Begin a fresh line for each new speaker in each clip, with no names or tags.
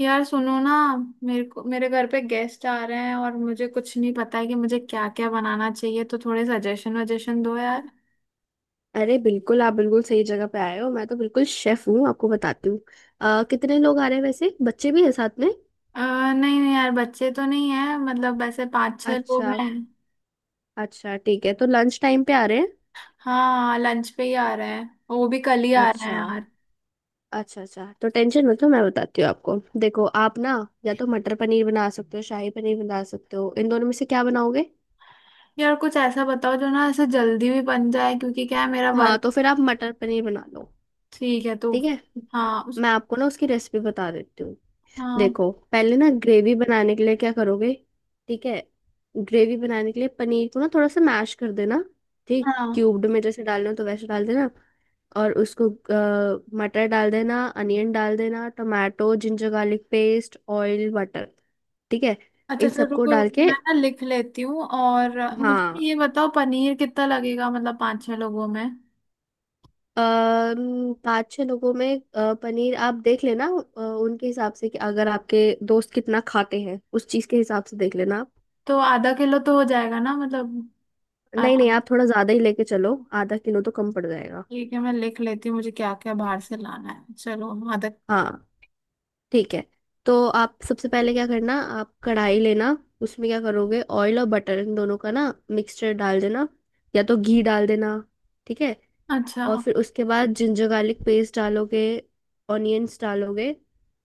यार सुनो ना। मेरे को मेरे घर पे गेस्ट आ रहे हैं और मुझे कुछ नहीं पता है कि मुझे क्या क्या बनाना चाहिए, तो थोड़े सजेशन वजेशन दो यार।
अरे बिल्कुल, आप बिल्कुल सही जगह पे आए हो। मैं तो बिल्कुल शेफ हूँ, आपको बताती हूँ। कितने लोग आ रहे हैं वैसे? बच्चे भी हैं साथ में?
अ, नहीं नहीं यार, बच्चे तो नहीं है, मतलब वैसे पाँच छह लोग
अच्छा।
हैं।
अच्छा ठीक है, तो लंच टाइम पे आ रहे हैं।
हाँ, लंच पे ही आ रहे हैं। और वो भी कल ही आ रहे हैं
अच्छा।
यार।
अच्छा अच्छा, तो टेंशन मत लो, मैं बताती हूँ आपको। देखो, आप ना या तो मटर पनीर बना सकते हो, शाही पनीर बना सकते हो। इन दोनों में से क्या बनाओगे?
यार कुछ ऐसा बताओ जो ना ऐसे जल्दी भी बन जाए, क्योंकि क्या है मेरा
हाँ,
वर्क।
तो फिर आप मटर पनीर बना लो।
ठीक है तो।
ठीक है,
हाँ उस।
मैं आपको ना उसकी रेसिपी बता देती हूँ।
हाँ।
देखो, पहले ना ग्रेवी बनाने के लिए क्या करोगे। ठीक है, ग्रेवी बनाने के लिए पनीर को ना थोड़ा सा मैश कर देना। ठीक,
हाँ।
क्यूब्ड में जैसे डालना हो तो वैसे डाल देना। और उसको मटर डाल देना, अनियन डाल देना, tomato, ginger garlic paste, oil, butter. ठीक है,
अच्छा
इन
अच्छा,
सबको
रुको
डाल
रुको,
के।
मैं ना लिख लेती हूँ। और मुझे
हाँ,
ये बताओ पनीर कितना लगेगा, मतलब पाँच छह लोगों में।
5 6 लोगों में पनीर आप देख लेना, उनके हिसाब से कि अगर आपके दोस्त कितना खाते हैं उस चीज के हिसाब से देख लेना।
तो आधा किलो तो हो जाएगा ना, मतलब।
नहीं नहीं,
आराम।
आप थोड़ा ज्यादा ही लेके चलो, आधा किलो तो कम पड़ जाएगा।
ठीक है, मैं लिख लेती हूँ मुझे क्या क्या बाहर से लाना है। चलो, आधा।
हाँ, ठीक है। तो आप सबसे पहले क्या करना, आप कढ़ाई लेना, उसमें क्या करोगे, ऑयल और बटर इन दोनों का ना मिक्सचर डाल देना, या तो घी डाल देना। ठीक है।
अच्छा।
और फिर उसके बाद जिंजर गार्लिक पेस्ट डालोगे, ऑनियंस डालोगे,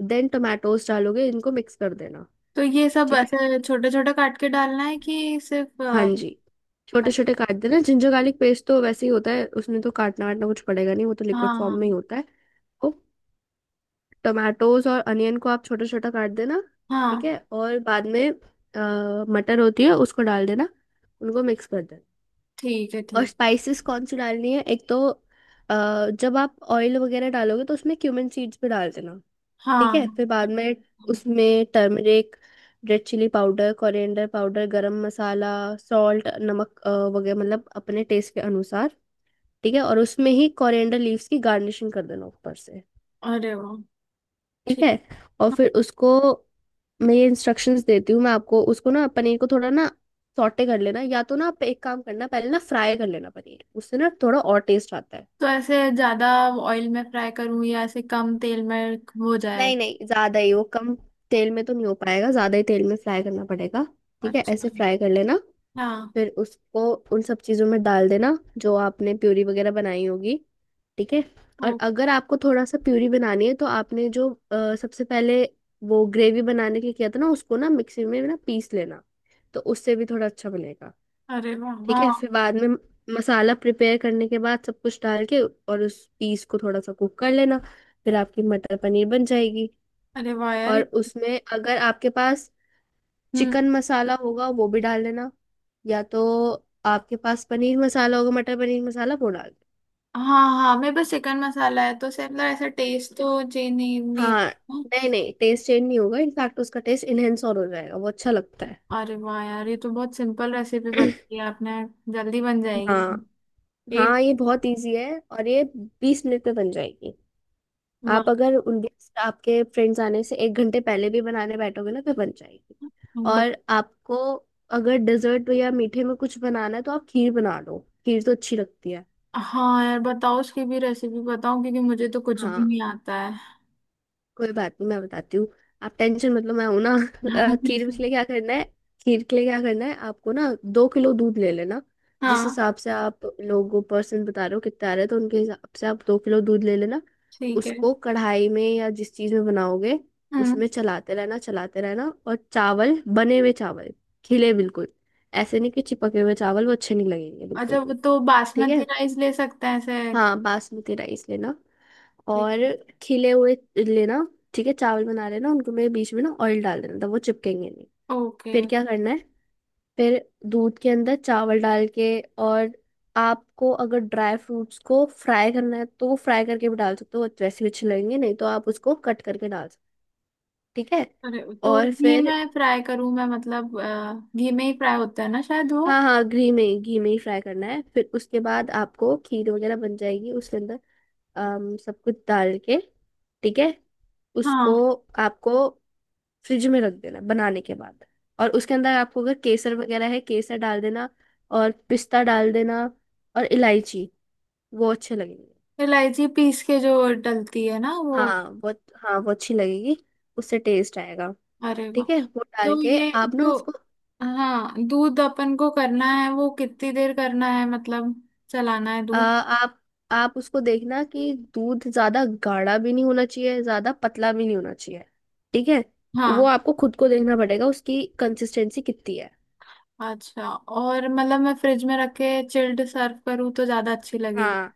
देन टोमेटोज डालोगे, इनको मिक्स कर देना।
तो ये सब
ठीक है।
ऐसे छोटे छोटे काट के डालना है कि सिर्फ
हाँ जी,
अ-
छोटे छोटे काट देना। जिंजर गार्लिक पेस्ट तो वैसे ही होता है, उसमें तो काटना वाटना कुछ पड़ेगा नहीं, वो तो लिक्विड फॉर्म
हाँ।
में ही होता है। तो टोमेटोज और अनियन को आप छोटा छोटा काट देना।
हाँ।
ठीक है, और बाद में मटर होती है उसको डाल देना, उनको मिक्स कर देना।
ठीक है।
और
ठीक।
स्पाइसेस कौन सी डालनी है, एक तो जब आप ऑयल वगैरह डालोगे तो उसमें क्यूमिन सीड्स भी डाल देना। ठीक
हाँ
है, फिर बाद में
हाँ,
उसमें turmeric, red chili powder, coriander powder, garam masala, salt, नमक वगैरह, मतलब अपने टेस्ट के अनुसार। ठीक है, और उसमें ही कोरिएंडर लीव्स की गार्निशिंग कर देना ऊपर से।
अरे वाह।
ठीक है।
ठीक।
और फिर उसको, मैं ये इंस्ट्रक्शंस देती हूँ मैं आपको, उसको ना पनीर को थोड़ा ना सॉटे कर लेना, या तो ना आप एक काम करना, पहले ना फ्राई कर लेना पनीर, उससे ना थोड़ा और टेस्ट आता है।
तो ऐसे ज्यादा ऑयल में फ्राई करूँ या ऐसे कम तेल में हो जाएगा।
नहीं नहीं, ज्यादा ही, वो कम तेल में तो नहीं हो पाएगा, ज्यादा ही तेल में फ्राई करना पड़ेगा। ठीक है,
अच्छा।
ऐसे फ्राई कर लेना।
हाँ।
फिर उसको उन सब चीजों में डाल देना जो आपने प्यूरी वगैरह बनाई होगी। ठीक है। और
ओ।
अगर आपको थोड़ा सा प्यूरी बनानी है, तो आपने जो सबसे पहले वो ग्रेवी बनाने के लिए किया था ना, उसको ना मिक्सी में ना पीस लेना, तो उससे भी थोड़ा अच्छा बनेगा।
अरे वाह
ठीक है,
हाँ।
फिर बाद में मसाला प्रिपेयर करने के बाद सब कुछ डाल के और उस पीस को थोड़ा सा कुक कर लेना, फिर आपकी मटर पनीर बन जाएगी।
अरे वाह यार।
और उसमें अगर आपके पास
हम्म।
चिकन मसाला होगा वो भी डाल लेना, या तो आपके पास पनीर मसाला होगा, मटर पनीर मसाला, वो डाल
हाँ। हाँ मेरे पास चिकन मसाला है, तो से मतलब ऐसा टेस्ट तो चेंज नहीं नहीं
देना। हाँ,
होगा।
नहीं नहीं, टेस्ट चेंज नहीं होगा, इनफैक्ट उसका टेस्ट इनहेंस और हो जाएगा, वो अच्छा लगता है।
अरे वाह यार, ये तो बहुत सिंपल रेसिपी बताई आपने। जल्दी बन जाएगी
हाँ।
ये।
हाँ, ये बहुत इजी है, और ये 20 मिनट में बन जाएगी।
वाह।
आप अगर उनके, आपके फ्रेंड्स आने से 1 घंटे पहले भी बनाने बैठोगे ना, फिर बन जाएगी।
ब-
और आपको अगर डेजर्ट या मीठे में कुछ बनाना है, तो आप खीर बना लो, खीर तो अच्छी लगती है।
हाँ यार, बताओ उसकी भी रेसिपी बताओ, क्योंकि मुझे तो कुछ भी
हाँ,
नहीं आता है।
कोई बात नहीं, मैं बताती हूँ। आप टेंशन, मतलब मैं हूं ना। खीर
बिल्कुल।
के लिए क्या करना है, खीर के लिए क्या करना है, आपको ना 2 किलो दूध ले लेना। जिस
हाँ।
हिसाब से आप लोगों पर्सन बता रहे हो कितना आ रहा है, तो उनके हिसाब से आप 2 किलो दूध ले लेना।
ठीक है।
उसको कढ़ाई में या जिस चीज में बनाओगे,
हम्म।
उसमें चलाते रहना, चलाते रहना। और चावल, बने हुए चावल, खिले बिल्कुल, ऐसे नहीं कि चिपके हुए चावल, वो अच्छे नहीं लगेंगे बिल्कुल
अच्छा, वो
भी।
तो
ठीक है।
बासमती राइस ले सकते हैं ऐसे।
हाँ, बासमती राइस लेना,
ठीक।
और खिले हुए लेना। ठीक है, चावल बना लेना, उनको में बीच में ना ऑयल डाल देना, तब वो चिपकेंगे नहीं।
ओके।
फिर क्या करना है, फिर दूध के अंदर चावल डाल के, और आपको अगर ड्राई फ्रूट्स को फ्राई करना है, तो वो फ्राई करके भी डाल सकते हो, वो वैसे भी अच्छे लगेंगे, नहीं तो आप उसको कट करके डाल सकते हो, ठीक है।
अरे, तो
और
घी
फिर
में फ्राई करूँ मैं, मतलब घी में ही फ्राई होता है ना शायद वो।
हाँ हाँ, घी में ही फ्राई करना है, फिर उसके बाद आपको खीर वगैरह बन जाएगी उसके अंदर सब कुछ डाल के। ठीक है, उसको
हाँ।
आपको फ्रिज में रख देना बनाने के बाद। और उसके अंदर आपको अगर केसर वगैरह है, केसर डाल देना, और पिस्ता डाल देना, और इलायची, वो अच्छे लगेंगे।
इलायची पीस के जो डलती है ना, वो।
हाँ, वो हाँ, वो अच्छी लगेगी, उससे टेस्ट आएगा।
अरे वाह।
ठीक है, वो
तो
डाल के
ये
आप ना
जो।
उसको,
हाँ, दूध अपन को करना है वो कितनी देर करना है, मतलब चलाना है
आ,
दूध।
आप उसको देखना कि दूध ज्यादा गाढ़ा भी नहीं होना चाहिए, ज्यादा पतला भी नहीं होना चाहिए। ठीक है, वो
हाँ।
आपको खुद को देखना पड़ेगा उसकी कंसिस्टेंसी कितनी है।
अच्छा, और मतलब मैं फ्रिज में रख के चिल्ड सर्व करूँ तो ज्यादा अच्छी लगेगी।
हाँ,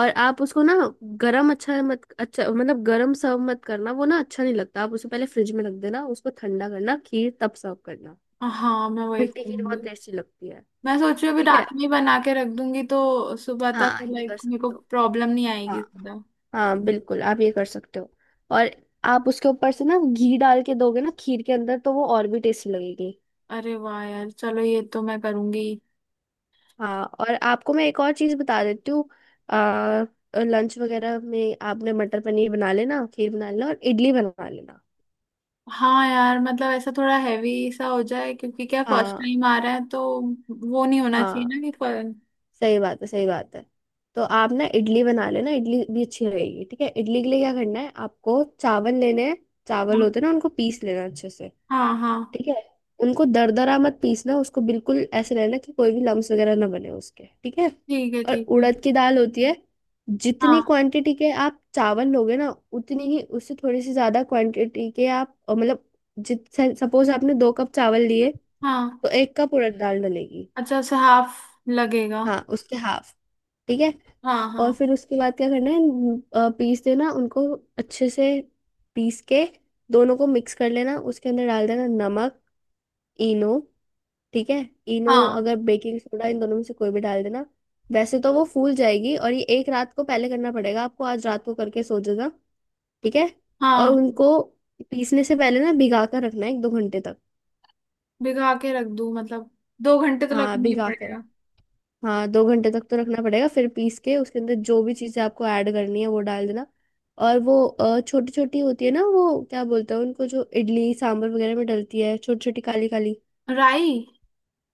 और आप उसको ना गरम, अच्छा मत अच्छा मतलब गरम सर्व मत करना, वो ना अच्छा नहीं लगता। आप उसे पहले फ्रिज में रख देना, उसको ठंडा करना, खीर तब सर्व करना,
हाँ, मैं वही
ठंडी खीर
करूंगी।
बहुत टेस्टी लगती है।
मैं सोच रही हूँ अभी
ठीक है,
रात में ही बना के रख दूंगी, तो सुबह तक
हाँ, ये कर
लाइक मेरे को
सकते हो।
प्रॉब्लम नहीं आएगी
हाँ
ज्यादा।
हाँ, बिल्कुल आप ये कर सकते हो। और आप उसके ऊपर से ना घी डाल के दोगे ना खीर के अंदर, तो वो और भी टेस्टी लगेगी।
अरे वाह यार, चलो ये तो मैं करूंगी।
हाँ, और आपको मैं एक और चीज़ बता देती हूँ। आ, लंच वगैरह में आपने मटर पनीर बना लेना, खीर बना लेना, और इडली बना लेना।
हाँ यार, मतलब ऐसा थोड़ा हैवी सा हो जाए, क्योंकि क्या फर्स्ट
हाँ।
टाइम आ रहा है तो वो नहीं होना चाहिए
हाँ,
ना
सही बात है, सही बात है। तो आप ना इडली बना लेना, इडली भी अच्छी रहेगी। ठीक है, इडली के लिए क्या करना है, आपको चावल लेने हैं, चावल
हाँ।
होते हैं ना, उनको पीस लेना अच्छे से।
हाँ। हाँ,
ठीक है, उनको दरदरा मत पीसना, उसको बिल्कुल ऐसे रहना कि कोई भी लम्स वगैरह ना बने उसके। ठीक है,
ठीक है
और
ठीक है।
उड़द की दाल होती है, जितनी
हाँ
क्वांटिटी के आप चावल लोगे ना, उतनी ही, उससे थोड़ी सी ज्यादा क्वांटिटी के आप मतलब जित सपोज आपने 2 कप चावल लिए,
हाँ।
तो 1 कप उड़द दाल डलेगी।
अच्छा, उसे हाफ लगेगा।
हाँ, उसके हाफ। ठीक है,
हाँ हाँ।
और फिर उसके बाद क्या करना है, पीस देना उनको अच्छे से, पीस के दोनों को मिक्स कर लेना, उसके अंदर डाल देना नमक, इनो। ठीक है, इनो
हाँ।
अगर बेकिंग सोडा, इन दोनों में से कोई भी डाल देना, वैसे तो वो फूल जाएगी। और ये एक रात को पहले करना पड़ेगा आपको, आज रात को करके सो जाना। ठीक है, और
हाँ,
उनको पीसने से पहले ना भिगा कर रखना है 1 2 घंटे तक।
भिगा के रख दूँ मतलब, 2 घंटे तो
हाँ,
रखना ही
भिगा के,
पड़ेगा।
हाँ, 2 घंटे तक तो रखना पड़ेगा, फिर पीस के उसके अंदर जो भी चीज़ें आपको ऐड करनी है वो डाल देना। और वो छोटी छोटी होती है ना, वो क्या बोलते हैं उनको, जो इडली सांभर वगैरह में डलती है, छोटी छोटी काली काली।
राई।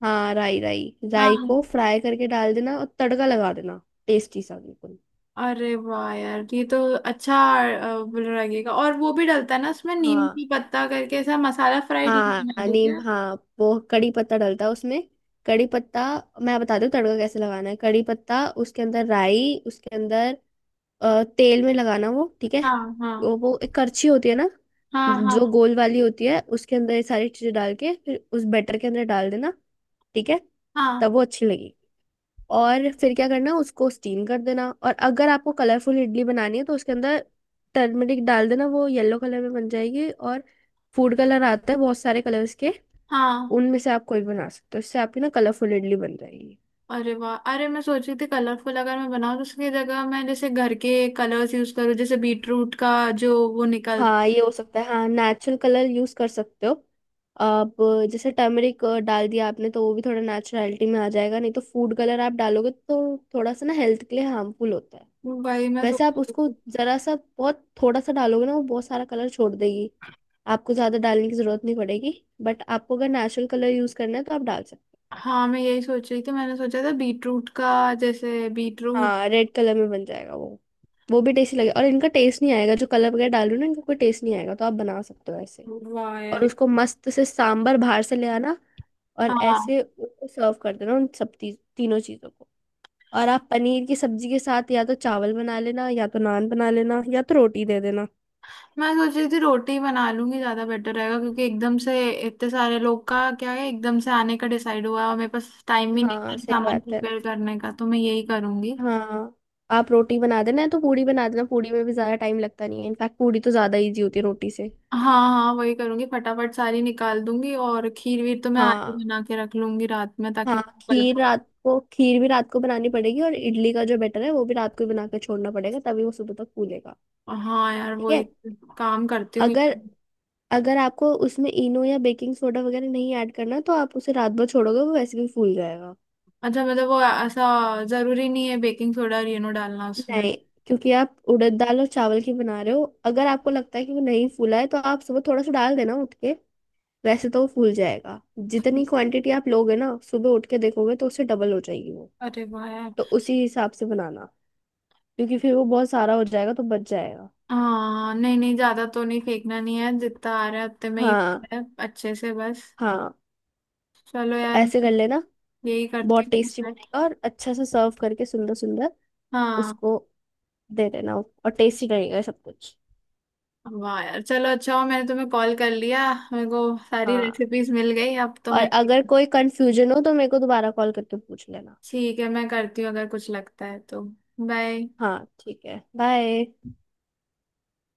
हाँ, राई राई। राई
हाँ।
को फ्राई करके डाल देना और तड़का लगा देना, टेस्टी सा बिल्कुल।
अरे वाह यार, ये तो अच्छा लगेगा। और वो भी डलता है ना उसमें, नीम
हाँ
की पत्ता करके ऐसा मसाला फ्राइड बना
हाँ,
दूँ
नीम,
क्या।
हाँ, वो कड़ी पत्ता डलता है उसमें, कड़ी पत्ता। मैं बताती हूँ तड़का कैसे लगाना है। कड़ी पत्ता उसके अंदर, राई उसके अंदर, तेल में लगाना वो, ठीक है।
हाँ। हाँ।
वो एक करछी होती है ना,
हाँ।
जो
हाँ।
गोल वाली होती है, उसके अंदर ये सारी चीजें डाल के फिर उस बैटर के अंदर डाल देना। ठीक है, तब
हाँ।
वो अच्छी लगेगी। और फिर क्या करना, उसको स्टीम कर देना। और अगर आपको कलरफुल इडली बनानी है, तो उसके अंदर टर्मरिक डाल देना, वो येलो कलर में बन जाएगी। और फूड कलर आता है, बहुत सारे कलर्स के,
हाँ।
उनमें से आप कोई भी बना सकते हो, इससे आपकी ना कलरफुल इडली बन जाएगी।
अरे वाह! अरे मैं सोच रही थी कलरफुल अगर मैं बनाऊँ तो उसकी जगह मैं जैसे घर के कलर्स यूज करूँ, जैसे बीटरूट का जो वो निकल।
हाँ, ये हो सकता है, हाँ, नेचुरल कलर यूज कर सकते हो आप। जैसे टर्मरिक डाल दिया आपने तो वो भी थोड़ा नेचुरलिटी में आ जाएगा, नहीं तो फूड कलर आप डालोगे तो थोड़ा सा ना हेल्थ के लिए हार्मफुल होता है।
भाई, मैं सोच
वैसे आप
रही
उसको
थी।
जरा सा, बहुत थोड़ा सा डालोगे ना, वो बहुत सारा कलर छोड़ देगी, आपको ज्यादा डालने की जरूरत नहीं पड़ेगी, बट आपको अगर नेचुरल कलर यूज करना है तो आप डाल सकते हो।
हाँ मैं यही सोच रही थी, मैंने सोचा था बीटरूट का, जैसे बीटरूट।
हाँ, रेड कलर में बन जाएगा वो भी टेस्टी लगेगा, और इनका टेस्ट नहीं आएगा, जो कलर वगैरह डाल रही हो ना इनका कोई टेस्ट नहीं आएगा, तो आप बना सकते हो ऐसे।
वाह
और
यार।
उसको मस्त से सांबर बाहर से ले आना, और
हाँ,
ऐसे उसको सर्व कर देना उन सब तीनों चीजों को। और आप पनीर की सब्जी के साथ या तो चावल बना लेना, या तो नान बना लेना, या तो रोटी दे देना।
मैं सोच रही थी रोटी बना लूंगी, ज्यादा बेटर रहेगा, क्योंकि एकदम से इतने सारे लोग का क्या है, एकदम से आने का डिसाइड हुआ है और मेरे पास टाइम भी नहीं था
हाँ, सही
सामान
बात है।
प्रिपेयर करने का, तो मैं यही करूंगी।
हाँ, आप रोटी बना देना, या तो पूड़ी बना देना, पूड़ी में भी ज्यादा टाइम लगता नहीं है, इनफैक्ट पूड़ी तो ज्यादा इजी होती है रोटी से।
हाँ। हाँ, वही करूंगी, फटाफट सारी निकाल दूंगी। और खीर वीर तो मैं आज ही
हाँ।
बना के रख लूंगी रात में, ताकि
हाँ,
मैं कल।
खीर, रात को खीर भी रात को बनानी पड़ेगी, और इडली का जो बैटर है वो भी रात को ही बना के छोड़ना पड़ेगा, तभी वो सुबह तक फूलेगा।
हाँ यार,
ठीक
वही
है।
काम करती हूँ।
अगर अगर आपको उसमें इनो या बेकिंग सोडा वगैरह नहीं ऐड करना, तो आप उसे रात भर छोड़ोगे वो वैसे भी फूल जाएगा।
अच्छा, मतलब वो ऐसा जरूरी नहीं है बेकिंग सोडा और नो डालना उसमें।
नहीं, क्योंकि आप उड़द दाल और चावल की बना रहे हो, अगर आपको लगता है कि वो नहीं फूला है तो आप सुबह थोड़ा सा डाल देना उठ के, वैसे तो वो फूल जाएगा। जितनी क्वांटिटी आप लोगे ना, सुबह उठ के देखोगे तो उससे डबल हो जाएगी वो,
अरे वाह यार।
तो उसी हिसाब से बनाना, क्योंकि फिर वो बहुत सारा हो जाएगा तो बच जाएगा।
हाँ नहीं नहीं, ज्यादा तो नहीं, फेंकना नहीं है, जितना आ रहा है उतने में ही
हाँ।
है, अच्छे से बस।
हाँ,
चलो
तो
यार।
ऐसे कर लेना,
यही करती
बहुत
हूँ
टेस्टी
मैं।
बनेगा। और अच्छा से सर्व करके, सुंदर सुंदर
हाँ।
उसको दे देना, और टेस्टी रहेगा सब कुछ।
वाह यार, चलो अच्छा हो मैंने तुम्हें कॉल कर लिया, मेरे को सारी
हाँ,
रेसिपीज मिल गई, अब तो
और
मैं।
अगर कोई कंफ्यूजन हो तो मेरे को दोबारा कॉल करके पूछ लेना।
ठीक है, मैं करती हूँ अगर कुछ लगता है तो। बाय।
हाँ ठीक है, बाय।